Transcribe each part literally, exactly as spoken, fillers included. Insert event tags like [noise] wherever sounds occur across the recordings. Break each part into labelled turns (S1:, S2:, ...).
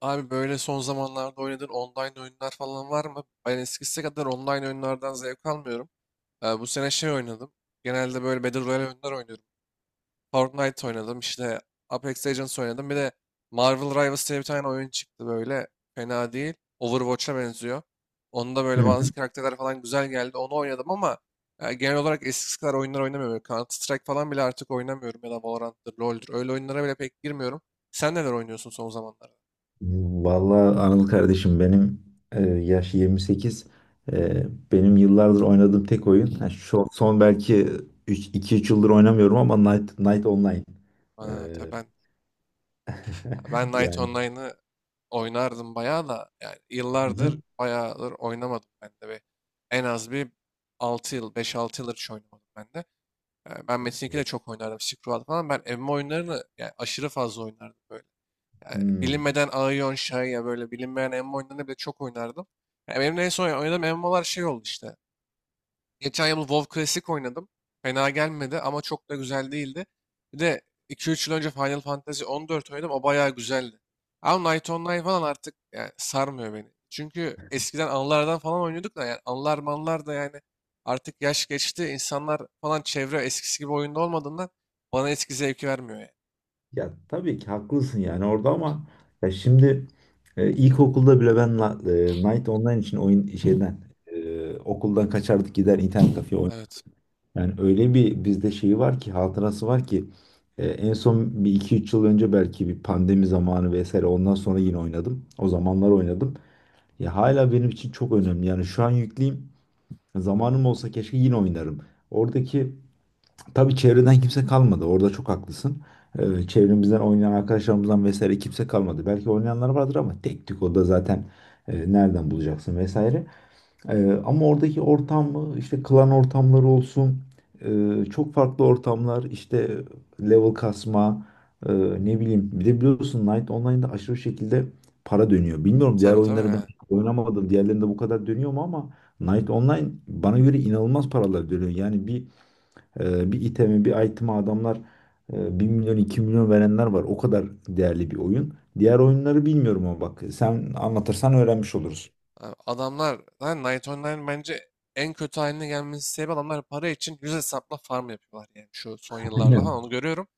S1: Abi böyle son zamanlarda oynadığın online oyunlar falan var mı? Ben eskisi kadar online oyunlardan zevk almıyorum. Ee, bu sene şey oynadım. Genelde böyle Battle Royale oyunlar oynuyorum. Fortnite oynadım, işte Apex Legends oynadım. Bir de Marvel Rivals diye bir tane oyun çıktı böyle. Fena değil. Overwatch'a benziyor. Onda
S2: Hı
S1: böyle
S2: hı.
S1: bazı karakterler falan güzel geldi. Onu oynadım ama e, genel olarak eskisi kadar oyunlar oynamıyorum. Counter Strike falan bile artık oynamıyorum. Ya da Valorant'tır, LoL'dür. Öyle oyunlara bile pek girmiyorum. Sen neler oynuyorsun son zamanlarda?
S2: Vallahi Anıl kardeşim benim e, yaş yirmi sekiz. E, Benim yıllardır oynadığım tek oyun. Ha, şu son belki iki üç yıldır oynamıyorum ama Night, Night Online. E,
S1: Ha, tabii ben Ben
S2: [laughs]
S1: Knight
S2: yani.
S1: Online'ı oynardım bayağı da, yani
S2: Hı
S1: yıllardır
S2: hı.
S1: bayağıdır oynamadım ben de. Bir, en az bir altı yıl, beş altı yıldır hiç oynamadım ben de. Yani ben Metin iki de
S2: Evet.
S1: çok oynardım. Scroll falan. Ben M M O oyunlarını yani aşırı fazla oynardım böyle. Yani
S2: Hmm.
S1: bilinmeden Aion, ya böyle bilinmeyen M M O oyunlarını bile çok oynardım. Yani benim de en son oynadığım M M O'lar şey oldu işte. Geçen yıl WoW Classic oynadım. Fena gelmedi ama çok da güzel değildi. Bir de iki üç yıl önce Final Fantasy on dört oynadım. O bayağı güzeldi. Ama Night Online falan artık yani sarmıyor beni. Çünkü eskiden anılardan falan oynuyorduk da yani anılar manlar da yani artık yaş geçti. İnsanlar falan çevre eskisi gibi oyunda olmadığından bana eski zevki vermiyor yani.
S2: Ya tabii ki haklısın yani orada ama ya şimdi e, ilkokulda bile ben la- e, Night Online için oyun şeyden e, okuldan kaçardık, gider internet kafeye.
S1: Evet.
S2: Yani öyle bir bizde şeyi var ki, hatırası var ki e, en son bir iki üç yıl önce belki, bir pandemi zamanı vesaire, ondan sonra yine oynadım. O zamanlar oynadım. Ya hala benim için çok önemli. Yani şu an yükleyeyim. Zamanım olsa keşke yine oynarım. Oradaki tabii çevreden kimse kalmadı. Orada çok haklısın. E, çevremizden oynayan arkadaşlarımızdan vesaire kimse kalmadı. Belki oynayanlar vardır ama tek tük, o da zaten e, nereden bulacaksın vesaire. Ee, ama oradaki ortamı, işte klan ortamları olsun, e, çok farklı ortamlar, işte level kasma, e, ne bileyim, bir de biliyorsun Knight Online'da aşırı şekilde para dönüyor. Bilmiyorum, diğer
S1: Tabii tabii
S2: oyunları ben
S1: yani.
S2: oynamadım, diğerlerinde bu kadar dönüyor mu, ama Knight Online bana göre inanılmaz paralar dönüyor. Yani bir e, bir iteme bir item'a adamlar e, bir milyon iki milyon verenler var, o kadar değerli bir oyun. Diğer oyunları bilmiyorum ama bak, sen anlatırsan öğrenmiş oluruz.
S1: Abi adamlar lan, Night Online bence en kötü haline gelmesi sebebi adamlar para için yüz hesapla farm yapıyorlar yani şu son yıllarda falan
S2: Aynen.
S1: onu görüyorum.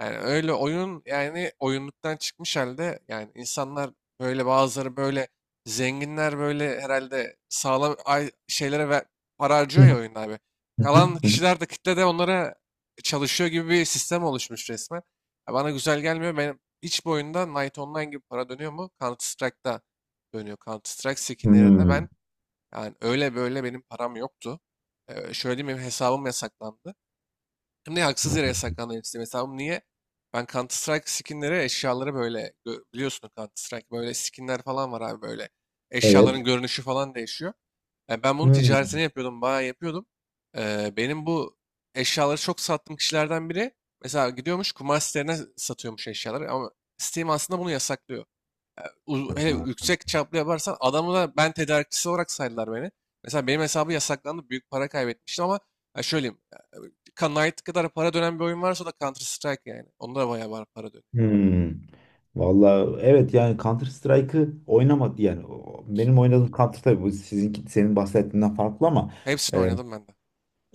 S1: Yani öyle oyun yani oyunluktan çıkmış halde yani insanlar böyle, bazıları böyle zenginler böyle herhalde, sağlam ay- şeylere ve para harcıyor ya oyunda abi. Kalan
S2: [laughs]
S1: kişiler de kitle de onlara çalışıyor gibi bir sistem oluşmuş resmen. Ya bana güzel gelmiyor. Benim hiç bu oyunda Night Online gibi para dönüyor mu? Counter Strike'da dönüyor, Counter Strike skinlerinde
S2: Hmm,
S1: ben yani, öyle böyle benim param yoktu. Ee, şöyle diyeyim, benim hesabım yasaklandı. Hem de haksız yere yasaklandı benim Steam hesabım. Niye? Ben Counter Strike skinleri eşyaları böyle gö- biliyorsun Counter Strike böyle skinler falan var abi böyle. Eşyaların
S2: evet.
S1: görünüşü falan değişiyor. Yani ben bunun
S2: Hmm.
S1: ticaretini yapıyordum, bayağı yapıyordum. Ee, benim bu eşyaları çok sattığım kişilerden biri mesela gidiyormuş kumar sitelerine, satıyormuş eşyaları ama Steam aslında bunu yasaklıyor, u- hele
S2: Ha.
S1: yüksek çaplı yaparsan adamı da, ben tedarikçisi olarak saydılar beni. Mesela benim hesabı yasaklandı. Büyük para kaybetmiştim ama ya şöyleyeyim, ya, Knight kadar para dönen bir oyun varsa o da Counter Strike yani. Onda da bayağı var, para dönüyor.
S2: Hmm. Vallahi evet, yani Counter Strike'ı oynamadı yani o- benim oynadığım Counter, tabii bu sizinki, senin bahsettiğinden farklı, ama
S1: Hepsini
S2: e,
S1: oynadım ben de.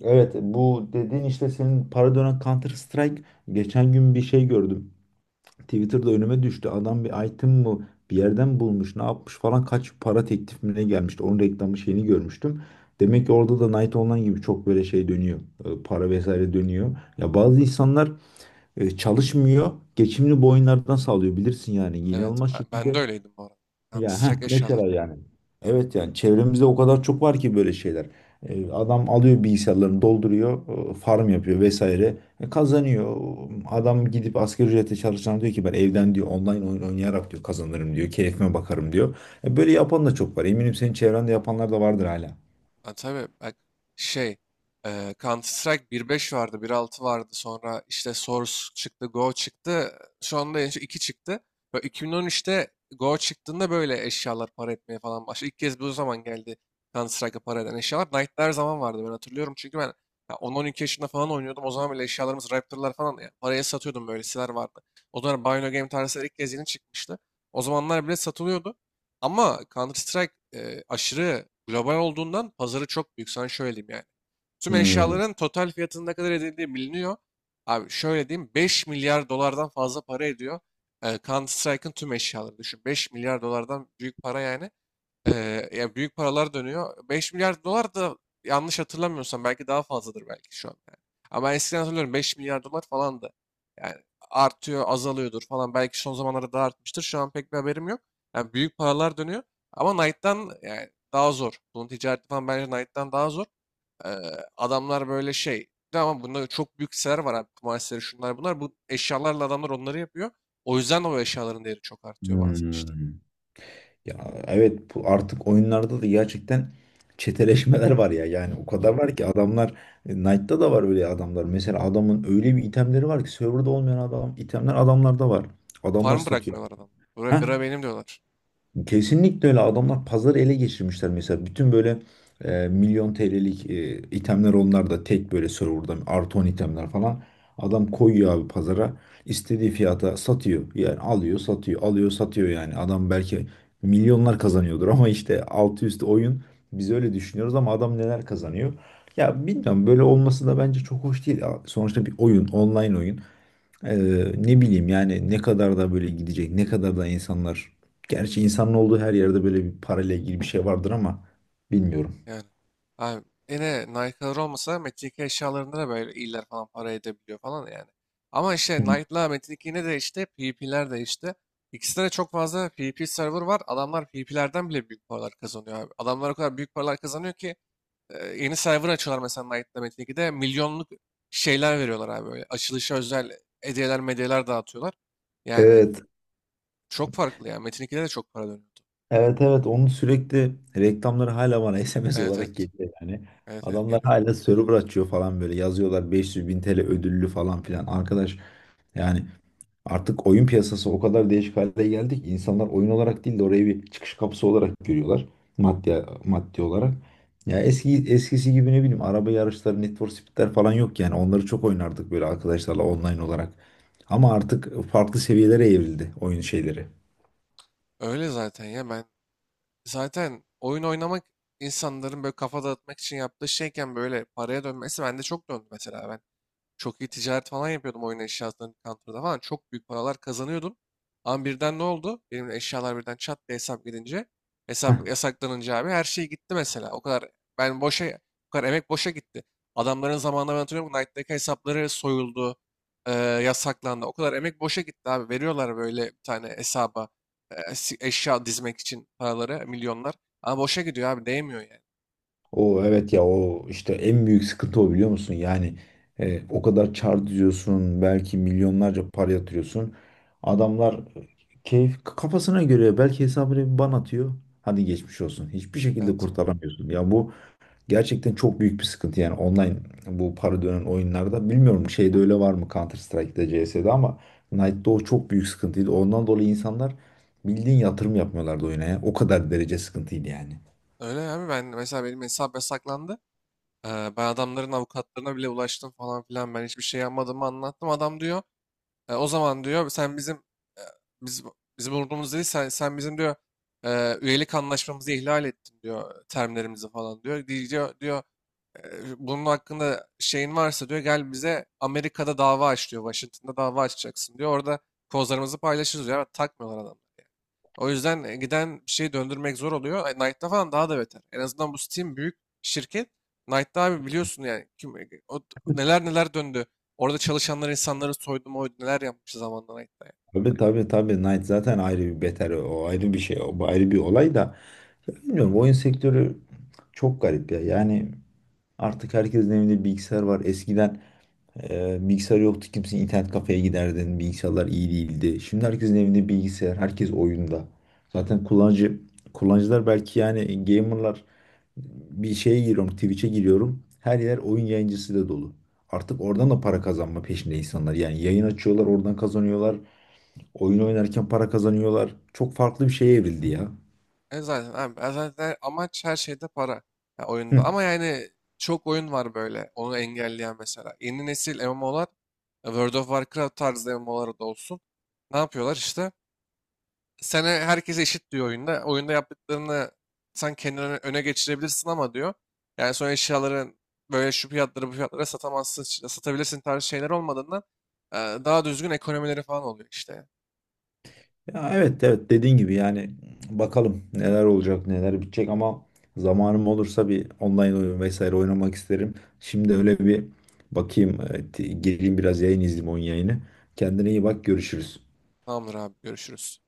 S2: evet, bu dediğin işte senin para dönen Counter Strike, geçen gün bir şey gördüm. Twitter'da önüme düştü. Adam bir item mı bir yerden bulmuş, ne yapmış falan, kaç para teklif gelmişti. Onun reklamı şeyini görmüştüm. Demek ki orada da Night Online gibi çok böyle şey dönüyor. E, Para vesaire dönüyor. Ya bazı insanlar e, çalışmıyor. Geçimini bu oyunlardan sağlıyor. Bilirsin yani.
S1: Evet.
S2: İnanılmaz
S1: Ben, ben de
S2: şekilde,
S1: öyleydim bu arada. Counter
S2: ya heh,
S1: Strike eşyaları.
S2: mesela yani. Evet, yani çevremizde o kadar çok var ki böyle şeyler. E, adam alıyor, bilgisayarlarını dolduruyor, e, farm yapıyor vesaire. E, kazanıyor. Adam gidip asgari ücretle çalışan diyor ki, ben evden diyor online oyun oynayarak diyor kazanırım diyor. Keyfime bakarım diyor. E, böyle yapan da çok var. Eminim senin çevrende yapanlar da vardır hala.
S1: Ha, tabii bak, şey, e, Counter Strike bir beş vardı, bir altı vardı, sonra işte Source çıktı, Go çıktı, şu anda en son iki çıktı. Ve iki bin on üçte Go çıktığında böyle eşyalar para etmeye falan başladı. İlk kez bu zaman geldi Counter Strike'a para eden eşyalar. Knight'lar her zaman vardı, ben hatırlıyorum çünkü ben ya on ile on iki yaşında falan oynuyordum. O zaman bile eşyalarımız Raptor'lar falan ya paraya satıyordum, böyleseler vardı. O zaman Bino Game tarzı ilk kez yeni çıkmıştı. O zamanlar bile satılıyordu. Ama Counter Strike e, aşırı global olduğundan pazarı çok büyük. Sana şöyle diyeyim yani. Tüm
S2: Hmm.
S1: eşyaların total fiyatının ne kadar edildiği biliniyor. Abi şöyle diyeyim, beş milyar dolardan fazla para ediyor. E, Counter Strike'ın tüm eşyaları düşün. Beş milyar dolardan büyük para yani. Ee, ya büyük paralar dönüyor. Beş milyar dolar da, yanlış hatırlamıyorsam, belki daha fazladır belki şu an yani. Ama ben eskiden hatırlıyorum beş milyar dolar falan da. Yani artıyor, azalıyordur falan. Belki son zamanlarda daha artmıştır. Şu an pek bir haberim yok. Yani büyük paralar dönüyor. Ama Knight'tan yani daha zor. Bunun ticareti falan bence Knight'tan daha zor. Ee, Adamlar böyle şey. Bir de, ama bunda çok büyük siteler var abi. Kumar siteleri, şunlar bunlar. Bu eşyalarla adamlar onları yapıyor. O yüzden o eşyaların değeri çok artıyor bazen işte.
S2: Hmm. Ya evet, bu artık oyunlarda da gerçekten çeteleşmeler var ya. Yani o kadar var ki, adamlar e, Knight'ta da var öyle adamlar. Mesela adamın öyle bir itemleri var ki, serverda olmayan adam itemler adamlarda var. Adamlar
S1: Farm
S2: satıyor.
S1: bırakmıyorlar adamlar. Bura,
S2: Heh,
S1: bira benim diyorlar.
S2: kesinlikle öyle, adamlar pazarı ele geçirmişler, mesela bütün böyle e, milyon T L'lik e, itemler, onlar da tek böyle serverda artı on itemler falan, adam koyuyor abi pazara, istediği fiyata satıyor, yani alıyor satıyor, alıyor satıyor, yani adam belki milyonlar kazanıyordur ama işte altı üstü oyun, biz öyle düşünüyoruz ama adam neler kazanıyor. Ya bilmiyorum, böyle olması da bence çok hoş değil, sonuçta bir oyun, online oyun. ee, Ne bileyim yani, ne kadar da böyle gidecek, ne kadar da insanlar. Gerçi insanın olduğu her yerde böyle bir parayla ilgili bir şey vardır, ama bilmiyorum.
S1: Yani. Abi, yine Nike'lar olmasa Metin iki eşyalarında da böyle iyiler falan para edebiliyor falan yani. Ama işte
S2: Hı.
S1: Nike'la Metin iki yine de işte P de değişti. İkisinde de çok fazla P P server var. Adamlar P PvP'lerden bile büyük paralar kazanıyor abi. Adamlar o kadar büyük paralar kazanıyor ki e, yeni server açıyorlar mesela Nike'la Metin ikide milyonluk şeyler veriyorlar abi böyle. Açılışa özel hediyeler medyeler dağıtıyorlar. Yani
S2: Evet,
S1: çok farklı ya. Metin ikide de çok para dönüyordu.
S2: evet, evet. Onun sürekli reklamları hala bana [laughs] S M S
S1: Evet
S2: olarak
S1: evet.
S2: geliyor yani.
S1: Evet evet
S2: Adamlar
S1: geliyor.
S2: hala server açıyor falan, böyle yazıyorlar beş yüz bin T L ödüllü falan filan. Arkadaş, yani artık oyun piyasası o kadar değişik hale geldi ki, insanlar oyun olarak değil de orayı bir çıkış kapısı olarak görüyorlar. Maddi, maddi olarak. Ya eski eskisi gibi, ne bileyim, araba yarışları, Need for Speed'ler falan yok yani. Onları çok oynardık böyle arkadaşlarla online olarak. Ama artık farklı seviyelere evrildi oyun şeyleri.
S1: Öyle zaten ya, ben zaten oyun oynamak insanların böyle kafa dağıtmak için yaptığı şeyken böyle paraya dönmesi, bende çok döndü mesela. Ben çok iyi ticaret falan yapıyordum oyun eşyasının counter'da falan. Çok büyük paralar kazanıyordum. Ama birden ne oldu? Benim eşyalar birden çat diye hesap gidince, hesap yasaklanınca abi her şey gitti mesela. O kadar ben boşa, o kadar emek boşa gitti. Adamların zamanında ben hatırlıyorum Knight'taki hesapları soyuldu, e, yasaklandı. O kadar emek boşa gitti abi. Veriyorlar böyle bir tane hesaba e, si- eşya dizmek için paraları, milyonlar. Ama boşa gidiyor abi, değmiyor yani.
S2: O evet ya, o işte en büyük sıkıntı o, biliyor musun? Yani e, o kadar çar diziyorsun, belki milyonlarca para yatırıyorsun. Adamlar e, keyif kafasına göre belki hesabını bir ban atıyor. Hadi geçmiş olsun. Hiçbir şekilde
S1: Evet.
S2: kurtaramıyorsun. Ya bu gerçekten çok büyük bir sıkıntı, yani online, bu para dönen oyunlarda. Bilmiyorum şeyde öyle var mı, Counter Strike'da, C S'de, ama Knight'da o çok büyük sıkıntıydı. Ondan dolayı insanlar bildiğin yatırım yapmıyorlardı oyuna ya. O kadar derece sıkıntıydı yani.
S1: Öyle abi, ben mesela, benim hesap yasaklandı. Ee, Ben adamların avukatlarına bile ulaştım falan filan. Ben hiçbir şey yapmadığımı anlattım. Adam diyor, "E, O zaman, diyor, sen bizim, e, biz bizim umurumuz değil, sen, sen bizim, diyor, e, üyelik anlaşmamızı ihlal ettin, diyor, "e, termlerimizi falan," diyor. Di- Diyor diyor "E, Bunun hakkında şeyin varsa, diyor, gel bize Amerika'da dava aç," diyor. "Washington'da dava açacaksın," diyor. "Orada kozlarımızı paylaşırız," diyor. Ama takmıyorlar adam. O yüzden e, giden bir şeyi döndürmek zor oluyor. E, Knight'ta falan daha da beter. En azından bu Steam büyük şirket. Knight'ta abi biliyorsun yani, kim, e, o, neler neler döndü. Orada çalışanlar insanları soydu moydu, neler yapmış zamanında Knight'ta. Yani.
S2: Tabii tabii tabii, Knight zaten ayrı bir beter, o ayrı bir şey, o ayrı bir olay da, ya bilmiyorum, oyun sektörü çok garip ya, yani artık herkesin evinde bilgisayar var, eskiden e, bilgisayar yoktu kimse internet kafeye giderdin, bilgisayarlar iyi değildi, şimdi herkesin evinde bilgisayar, herkes oyunda, zaten kullanıcı kullanıcılar belki, yani gamerlar, bir şeye giriyorum, Twitch'e giriyorum, her yer oyun yayıncısı da dolu, artık oradan da para kazanma peşinde insanlar, yani yayın açıyorlar, oradan kazanıyorlar. Oyun oynarken para kazanıyorlar. Çok farklı bir şeye evrildi ya.
S1: E zaten abi, e zaten amaç her şeyde para, ya oyunda. Ama yani çok oyun var böyle onu engelleyen mesela. Yeni nesil M M O'lar, e, World of Warcraft tarzı M M O'lar da olsun. Ne yapıyorlar işte? Sana herkese eşit diyor oyunda. Oyunda yaptıklarını sen kendini öne öne geçirebilirsin ama, diyor. Yani sonra eşyaların böyle şu fiyatlara bu fiyatlara satamazsın, işte satabilirsin tarzı şeyler olmadığından e, daha düzgün ekonomileri falan oluyor işte.
S2: Ya evet evet, dediğin gibi yani, bakalım neler olacak, neler bitecek, ama zamanım olursa bir online oyun vesaire oynamak isterim. Şimdi öyle bir bakayım, e, t- gireyim biraz yayın, izleyeyim oyun yayını. Kendine iyi bak, görüşürüz.
S1: Tamamdır abi, görüşürüz.